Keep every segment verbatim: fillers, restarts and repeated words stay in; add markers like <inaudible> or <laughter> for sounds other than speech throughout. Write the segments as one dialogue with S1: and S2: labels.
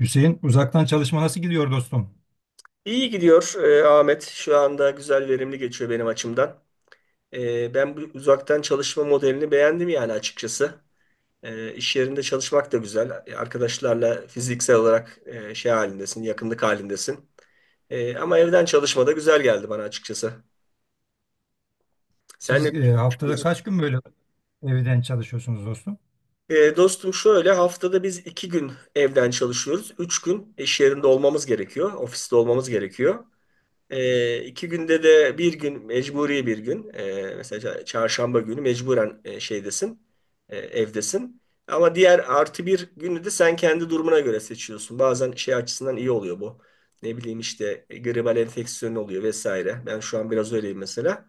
S1: Hüseyin, uzaktan çalışma nasıl gidiyor dostum?
S2: İyi gidiyor e, Ahmet. Şu anda güzel verimli geçiyor benim açımdan. E, ben bu uzaktan çalışma modelini beğendim yani açıkçası. E, iş yerinde çalışmak da güzel. E, Arkadaşlarla fiziksel olarak e, şey halindesin, yakınlık halindesin. E, ama evden çalışma da güzel geldi bana açıkçası. Sen ne
S1: Siz e, haftada
S2: düşünüyorsun?
S1: kaç gün böyle evden çalışıyorsunuz dostum?
S2: E, dostum şöyle haftada biz iki gün evden çalışıyoruz. Üç gün iş yerinde olmamız gerekiyor. Ofiste olmamız gerekiyor. E, iki günde de bir gün mecburi, bir gün e, mesela çarşamba günü, mecburen e, şeydesin, e, evdesin ama diğer artı bir günü de sen kendi durumuna göre seçiyorsun. Bazen şey açısından iyi oluyor bu. Ne bileyim işte e, gribal enfeksiyon oluyor vesaire. Ben şu an biraz öyleyim mesela.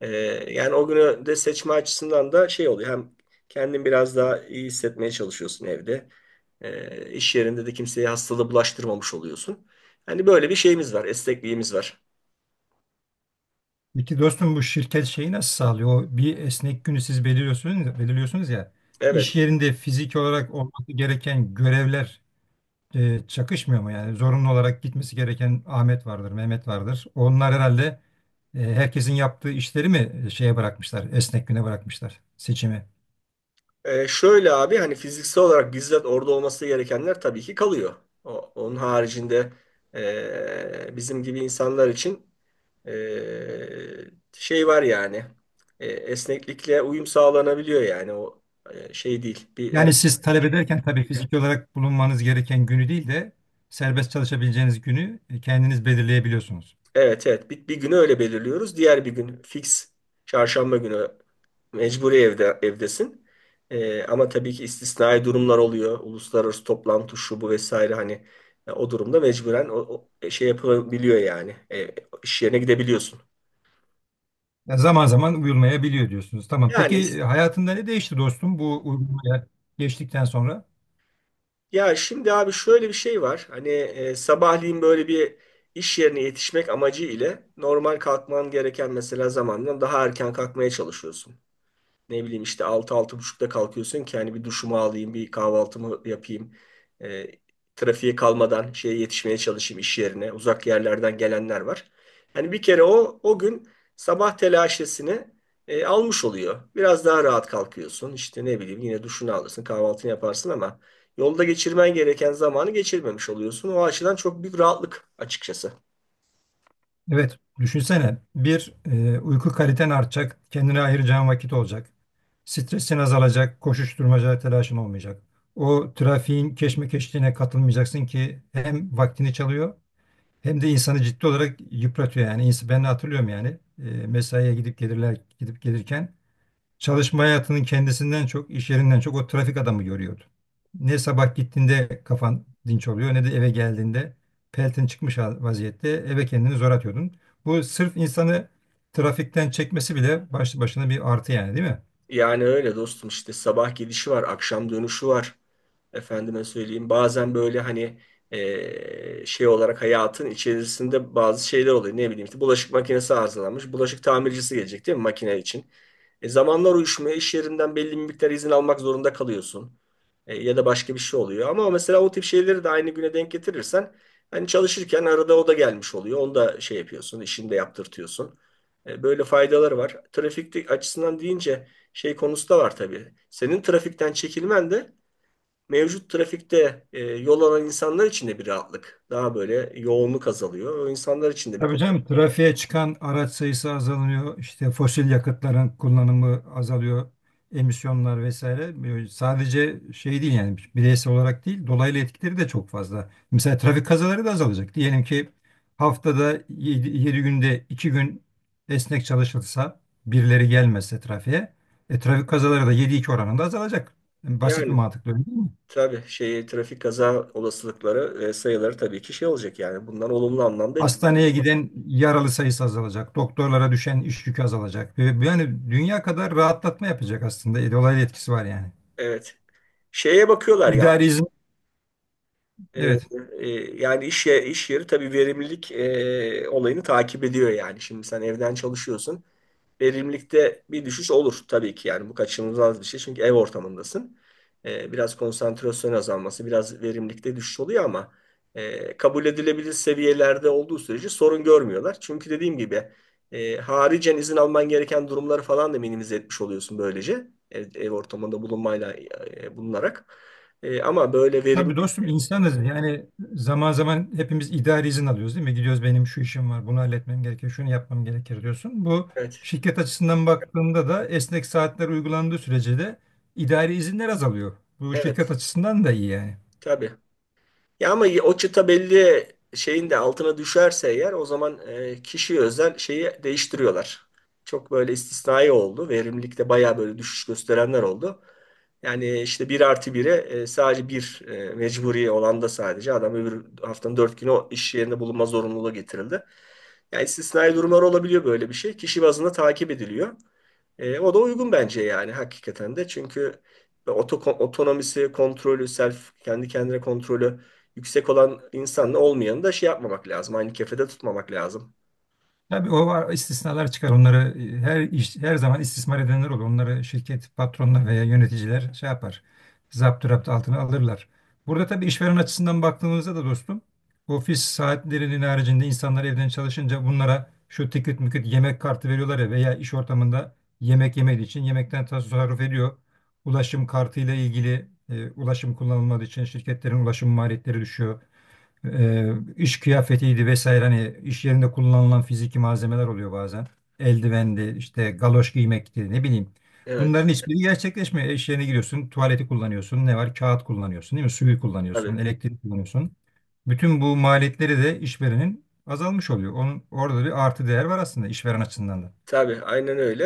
S2: E, yani o günü de seçme açısından da şey oluyor. Hem kendin biraz daha iyi hissetmeye çalışıyorsun evde. E, iş yerinde de kimseye hastalığı bulaştırmamış oluyorsun. Hani böyle bir şeyimiz var, esnekliğimiz var.
S1: Peki dostum bu şirket şeyi nasıl sağlıyor? O bir esnek günü siz belirliyorsunuz, belirliyorsunuz ya. İş
S2: Evet.
S1: yerinde fiziki olarak olması gereken görevler e, çakışmıyor mu? Yani zorunlu olarak gitmesi gereken Ahmet vardır, Mehmet vardır. Onlar herhalde e, herkesin yaptığı işleri mi e, şeye bırakmışlar, esnek güne bırakmışlar seçimi?
S2: Ee, şöyle abi hani fiziksel olarak bizzat orada olması gerekenler tabii ki kalıyor. O, onun haricinde ee, bizim gibi insanlar için ee, şey var yani. Ee, esneklikle uyum sağlanabiliyor, yani o e, şey değil. Bir, her-
S1: Yani siz talep ederken tabii fiziki olarak bulunmanız gereken günü değil de serbest çalışabileceğiniz günü e, kendiniz belirleyebiliyorsunuz.
S2: evet, evet, bir, bir günü öyle belirliyoruz. Diğer bir gün fix çarşamba günü, mecburi evde, evdesin. Ee, ama tabii ki istisnai durumlar oluyor. Uluslararası toplantı, şu bu vesaire, hani e, o durumda mecburen o, o e, şey yapabiliyor yani. E, iş yerine gidebiliyorsun.
S1: Ya zaman zaman uyulmayabiliyor diyorsunuz. Tamam.
S2: Yani
S1: Peki e,
S2: is-
S1: hayatında ne değişti dostum bu uygulamaya geçtikten sonra?
S2: ya şimdi abi şöyle bir şey var. Hani e, sabahleyin böyle bir iş yerine yetişmek amacı ile normal kalkman gereken mesela zamandan daha erken kalkmaya çalışıyorsun. Ne bileyim işte altı, altı buçukta kalkıyorsun ki hani bir duşumu alayım, bir kahvaltımı yapayım. E, trafiğe kalmadan şeye yetişmeye çalışayım iş yerine. Uzak yerlerden gelenler var. Yani bir kere o o gün sabah telaşesini e, almış oluyor. Biraz daha rahat kalkıyorsun. İşte ne bileyim yine duşunu alırsın, kahvaltını yaparsın ama yolda geçirmen gereken zamanı geçirmemiş oluyorsun. O açıdan çok büyük rahatlık açıkçası.
S1: Evet, düşünsene bir e, uyku kaliten artacak, kendine ayıracağın vakit olacak. Stresin azalacak, koşuşturmaca telaşın olmayacak. O trafiğin keşmekeşliğine katılmayacaksın ki hem vaktini çalıyor, hem de insanı ciddi olarak yıpratıyor yani. İns- Ben hatırlıyorum yani. E, mesaiye gidip gelirler gidip gelirken çalışma hayatının kendisinden çok, iş yerinden çok o trafik adamı görüyordu. Ne sabah gittiğinde kafan dinç oluyor ne de eve geldiğinde peltin çıkmış hal- vaziyette eve kendini zor atıyordun. Bu sırf insanı trafikten çekmesi bile başlı başına bir artı yani, değil mi?
S2: Yani öyle dostum, işte sabah gidişi var, akşam dönüşü var. Efendime söyleyeyim bazen böyle hani e, şey olarak hayatın içerisinde bazı şeyler oluyor. Ne bileyim işte bulaşık makinesi arızalanmış. Bulaşık tamircisi gelecek değil mi makine için? E, zamanlar uyuşmuyor. İş yerinden belli bir miktar izin almak zorunda kalıyorsun. E, ya da başka bir şey oluyor. Ama mesela o tip şeyleri de aynı güne denk getirirsen hani çalışırken arada o da gelmiş oluyor. Onu da şey yapıyorsun, işini de yaptırtıyorsun. E, böyle faydaları var. Trafik açısından deyince şey konusu da var tabii. Senin trafikten çekilmen de mevcut trafikte e, yol alan insanlar için de bir rahatlık. Daha böyle yoğunluk azalıyor. O insanlar için de bir
S1: Tabii canım,
S2: kolaylık.
S1: trafiğe çıkan araç sayısı azalıyor. İşte fosil yakıtların kullanımı azalıyor. Emisyonlar vesaire. Böyle sadece şey değil yani, bireysel olarak değil, dolaylı etkileri de çok fazla. Mesela trafik kazaları da azalacak. Diyelim ki haftada yedi günde iki gün esnek çalışılsa, birileri gelmezse trafiğe, e, trafik kazaları da yedi iki oranında azalacak. Yani basit bir
S2: Yani
S1: mantıkla öyle, değil mi?
S2: tabii şey, trafik kaza olasılıkları e, sayıları tabii ki şey olacak yani. Bunlar olumlu anlamda etki.
S1: Hastaneye giden yaralı sayısı azalacak. Doktorlara düşen iş yükü azalacak. Ve yani dünya kadar rahatlatma yapacak aslında. E, Dolaylı etkisi var yani.
S2: Evet. Şeye bakıyorlar ya.
S1: İdari izin,
S2: E,
S1: evet.
S2: e, yani iş, ye- iş yeri tabii verimlilik e, olayını takip ediyor yani. Şimdi sen evden çalışıyorsun. Verimlilikte bir düşüş olur tabii ki yani, bu kaçınılmaz bir şey çünkü ev ortamındasın. Ee, biraz konsantrasyon azalması, biraz verimlilikte düşüş oluyor ama e, kabul edilebilir seviyelerde olduğu sürece sorun görmüyorlar. Çünkü dediğim gibi e, haricen izin alman gereken durumları falan da minimize etmiş oluyorsun, böylece ev, ev ortamında bulunmayla e, bulunarak. E, ama böyle
S1: Tabii
S2: verimlilik.
S1: dostum, insanız. Yani zaman zaman hepimiz idari izin alıyoruz, değil mi? Gidiyoruz, benim şu işim var, bunu halletmem gerekir, şunu yapmam gerekir diyorsun. Bu
S2: Evet,
S1: şirket açısından baktığında da esnek saatler uygulandığı sürece de idari izinler azalıyor. Bu şirket
S2: evet,
S1: açısından da iyi yani.
S2: tabii. Ya ama o çıta belli şeyin de altına düşerse eğer o zaman e, kişiye özel şeyi değiştiriyorlar. Çok böyle istisnai oldu. Verimlilikte bayağı böyle düşüş gösterenler oldu. Yani işte bir artı bire e, sadece bir e, mecburi olan da, sadece adam öbür haftanın dört günü o iş yerinde bulunma zorunluluğu getirildi. Yani istisnai durumlar olabiliyor böyle bir şey. Kişi bazında takip ediliyor. E, o da uygun bence yani hakikaten de. Çünkü oto, otonomisi, kontrolü, self, kendi kendine kontrolü yüksek olan insanla olmayanı da şey yapmamak lazım. Aynı kefede tutmamak lazım.
S1: Tabii o var, istisnalar çıkar. Onları e, her iş, her zaman istismar edenler olur. Onları şirket patronlar veya yöneticiler şey yapar. Zaptı raptı altına alırlar. Burada tabii işveren açısından baktığımızda da dostum, ofis saatlerinin haricinde insanlar evden çalışınca bunlara şu tikit müküt yemek kartı veriyorlar ya, veya iş ortamında yemek yemediği için yemekten tasarruf ediyor. Ulaşım kartıyla ilgili e, ulaşım kullanılmadığı için şirketlerin ulaşım maliyetleri düşüyor. E, iş kıyafetiydi vesaire, hani iş yerinde kullanılan fiziki malzemeler oluyor bazen. Eldivendi, işte galoş giymekti, ne bileyim. Bunların
S2: Evet,
S1: hiçbiri gerçekleşmiyor. İş yerine giriyorsun, tuvaleti kullanıyorsun, ne var? Kağıt kullanıyorsun, değil mi? Suyu kullanıyorsun,
S2: tabii.
S1: elektrik kullanıyorsun. Bütün bu maliyetleri de işverenin azalmış oluyor. Onun orada bir artı değer var aslında işveren açısından da.
S2: Tabii, aynen öyle.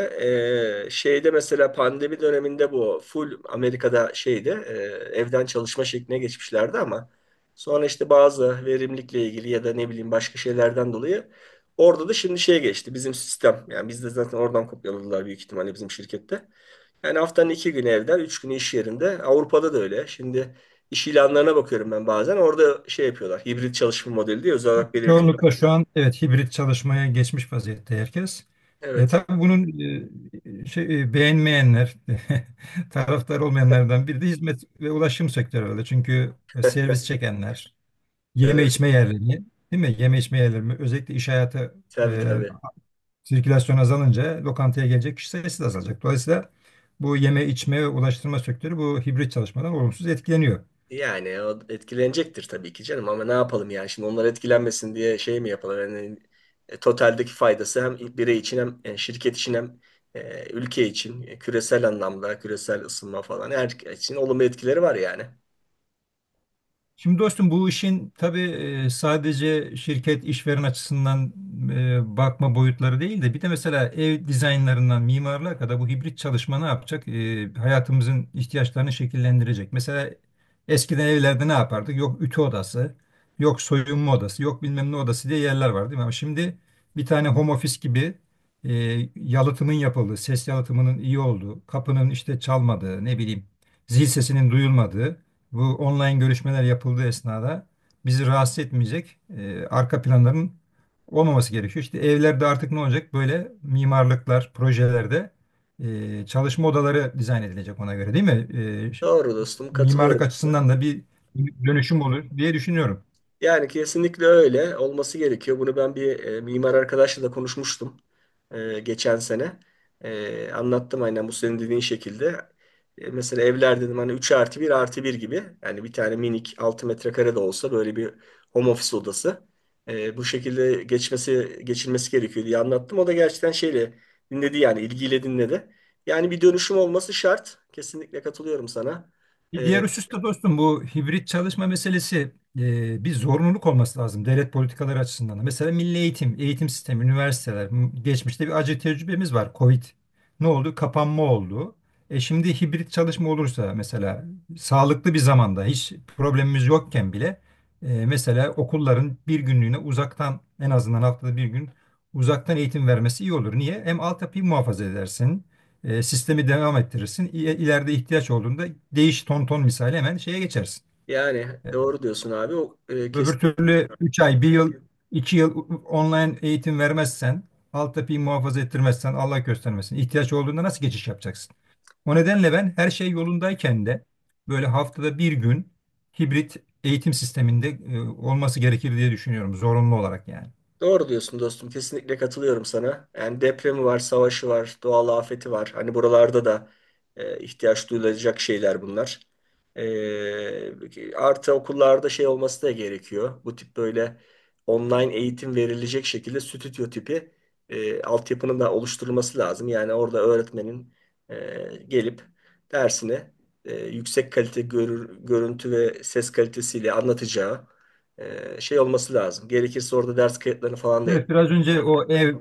S2: Ee, şeyde mesela pandemi döneminde bu full Amerika'da şeyde e, evden çalışma şekline geçmişlerdi ama sonra işte bazı verimlilikle ilgili ya da ne bileyim başka şeylerden dolayı orada da şimdi şeye geçti bizim sistem. Yani biz de zaten oradan kopyaladılar büyük ihtimalle bizim şirkette. Yani haftanın iki günü evden, üç günü iş yerinde. Avrupa'da da öyle. Şimdi iş ilanlarına bakıyorum ben bazen. Orada şey yapıyorlar. Hibrit çalışma modeli diye özel olarak belirtiyor.
S1: Çoğunlukla şu an evet hibrit çalışmaya geçmiş vaziyette herkes. E,
S2: Evet.
S1: tabii bunun e, şey, e, beğenmeyenler, <laughs> taraftar olmayanlardan biri de hizmet ve ulaşım sektörü öyle. Çünkü e, servis çekenler, yeme
S2: Evet.
S1: içme yerleri, değil mi? Yeme içme yerleri, özellikle iş hayatı
S2: Tabii,
S1: e,
S2: tabii.
S1: sirkülasyon azalınca lokantaya gelecek kişi sayısı da azalacak. Dolayısıyla bu yeme içme ve ulaştırma sektörü bu hibrit çalışmadan olumsuz etkileniyor.
S2: Yani o etkilenecektir tabii ki canım ama ne yapalım yani, şimdi onlar etkilenmesin diye şey mi yapalım? Yani, e, totaldeki faydası hem birey için, hem e, şirket için, hem e, ülke için, e, küresel anlamda küresel ısınma falan her için olumlu etkileri var yani.
S1: Şimdi dostum, bu işin tabii e, sadece şirket işveren açısından e, bakma boyutları değil de, bir de mesela ev dizaynlarından mimarlığa kadar bu hibrit çalışma ne yapacak? E, Hayatımızın ihtiyaçlarını şekillendirecek. Mesela eskiden evlerde ne yapardık? Yok ütü odası, yok soyunma odası, yok bilmem ne odası diye yerler var, değil mi? Ama şimdi bir tane home office gibi, e, yalıtımın yapıldığı, ses yalıtımının iyi olduğu, kapının işte çalmadığı, ne bileyim zil sesinin duyulmadığı, bu online görüşmeler yapıldığı esnada bizi rahatsız etmeyecek e, arka planların olmaması gerekiyor. İşte evlerde artık ne olacak? Böyle mimarlıklar, projelerde e, çalışma odaları dizayn edilecek ona göre, değil mi? E, ş-
S2: Doğru dostum,
S1: mimarlık
S2: katılıyorum.
S1: açısından da bir dönüşüm olur diye düşünüyorum.
S2: Yani kesinlikle öyle olması gerekiyor. Bunu ben bir e, mimar arkadaşla da konuşmuştum e, geçen sene. E, anlattım aynen bu senin dediğin şekilde. E, mesela evler dedim hani üç artı bir artı bir gibi. Yani bir tane minik altı metrekare de olsa böyle bir home office odası. E, bu şekilde geçmesi geçilmesi gerekiyor diye anlattım. O da gerçekten şeyle dinledi, yani ilgiyle dinledi. Yani bir dönüşüm olması şart. Kesinlikle katılıyorum sana.
S1: Bir
S2: E,
S1: diğer husus da dostum, bu hibrit çalışma meselesi e, bir zorunluluk olması lazım devlet politikaları açısından da. Mesela milli eğitim, eğitim sistemi, üniversiteler. m- Geçmişte bir acı tecrübemiz var. Covid ne oldu? Kapanma oldu. E şimdi hibrit çalışma olursa, mesela sağlıklı bir zamanda hiç problemimiz yokken bile, e, mesela okulların bir günlüğüne uzaktan, en azından haftada bir gün uzaktan eğitim vermesi iyi olur. Niye? Hem altyapıyı muhafaza edersin. E, sistemi devam ettirirsin. İ- İleride ihtiyaç olduğunda değiş ton ton misali hemen şeye geçersin.
S2: yani
S1: E,
S2: doğru diyorsun abi. O, e,
S1: Öbür
S2: kesin.
S1: türlü üç ay, bir yıl, iki yıl online eğitim vermezsen, alt yapıyı muhafaza ettirmezsen Allah göstermesin, ihtiyaç olduğunda nasıl geçiş yapacaksın? O nedenle ben her şey yolundayken de böyle haftada bir gün hibrit eğitim sisteminde e, olması gerekir diye düşünüyorum, zorunlu olarak yani.
S2: Doğru diyorsun dostum. Kesinlikle katılıyorum sana. Yani depremi var, savaşı var, doğal afeti var. Hani buralarda da e, ihtiyaç duyulacak şeyler bunlar. E, artı okullarda şey olması da gerekiyor. Bu tip böyle online eğitim verilecek şekilde stüdyo tipi e, altyapının da oluşturulması lazım. Yani orada öğretmenin e, gelip dersini e, yüksek kalite görür- görüntü ve ses kalitesiyle anlatacağı ee, şey olması lazım. Gerekirse orada ders kayıtlarını falan da yap.
S1: Evet, biraz önce o ev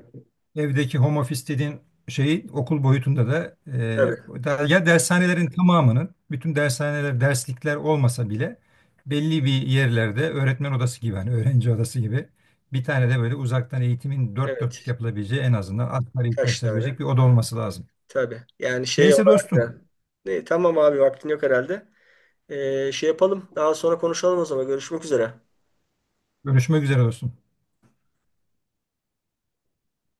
S1: evdeki home office dediğin şeyi okul boyutunda da,
S2: Tabii.
S1: e, da- ya dershanelerin tamamının, bütün dershaneler derslikler olmasa bile belli bir yerlerde öğretmen odası gibi, hani öğrenci odası gibi, bir tane de böyle uzaktan eğitimin dört dörtlük
S2: Evet.
S1: yapılabileceği, en azından asgari
S2: Kaç
S1: ihtiyaçları
S2: tane?
S1: görecek bir oda olması lazım.
S2: Tabii. Yani şey
S1: Neyse
S2: olarak
S1: dostum.
S2: da. Ne, tamam abi, vaktin yok herhalde. Ee, şey yapalım. Daha sonra konuşalım o zaman. Görüşmek üzere.
S1: Görüşmek üzere dostum.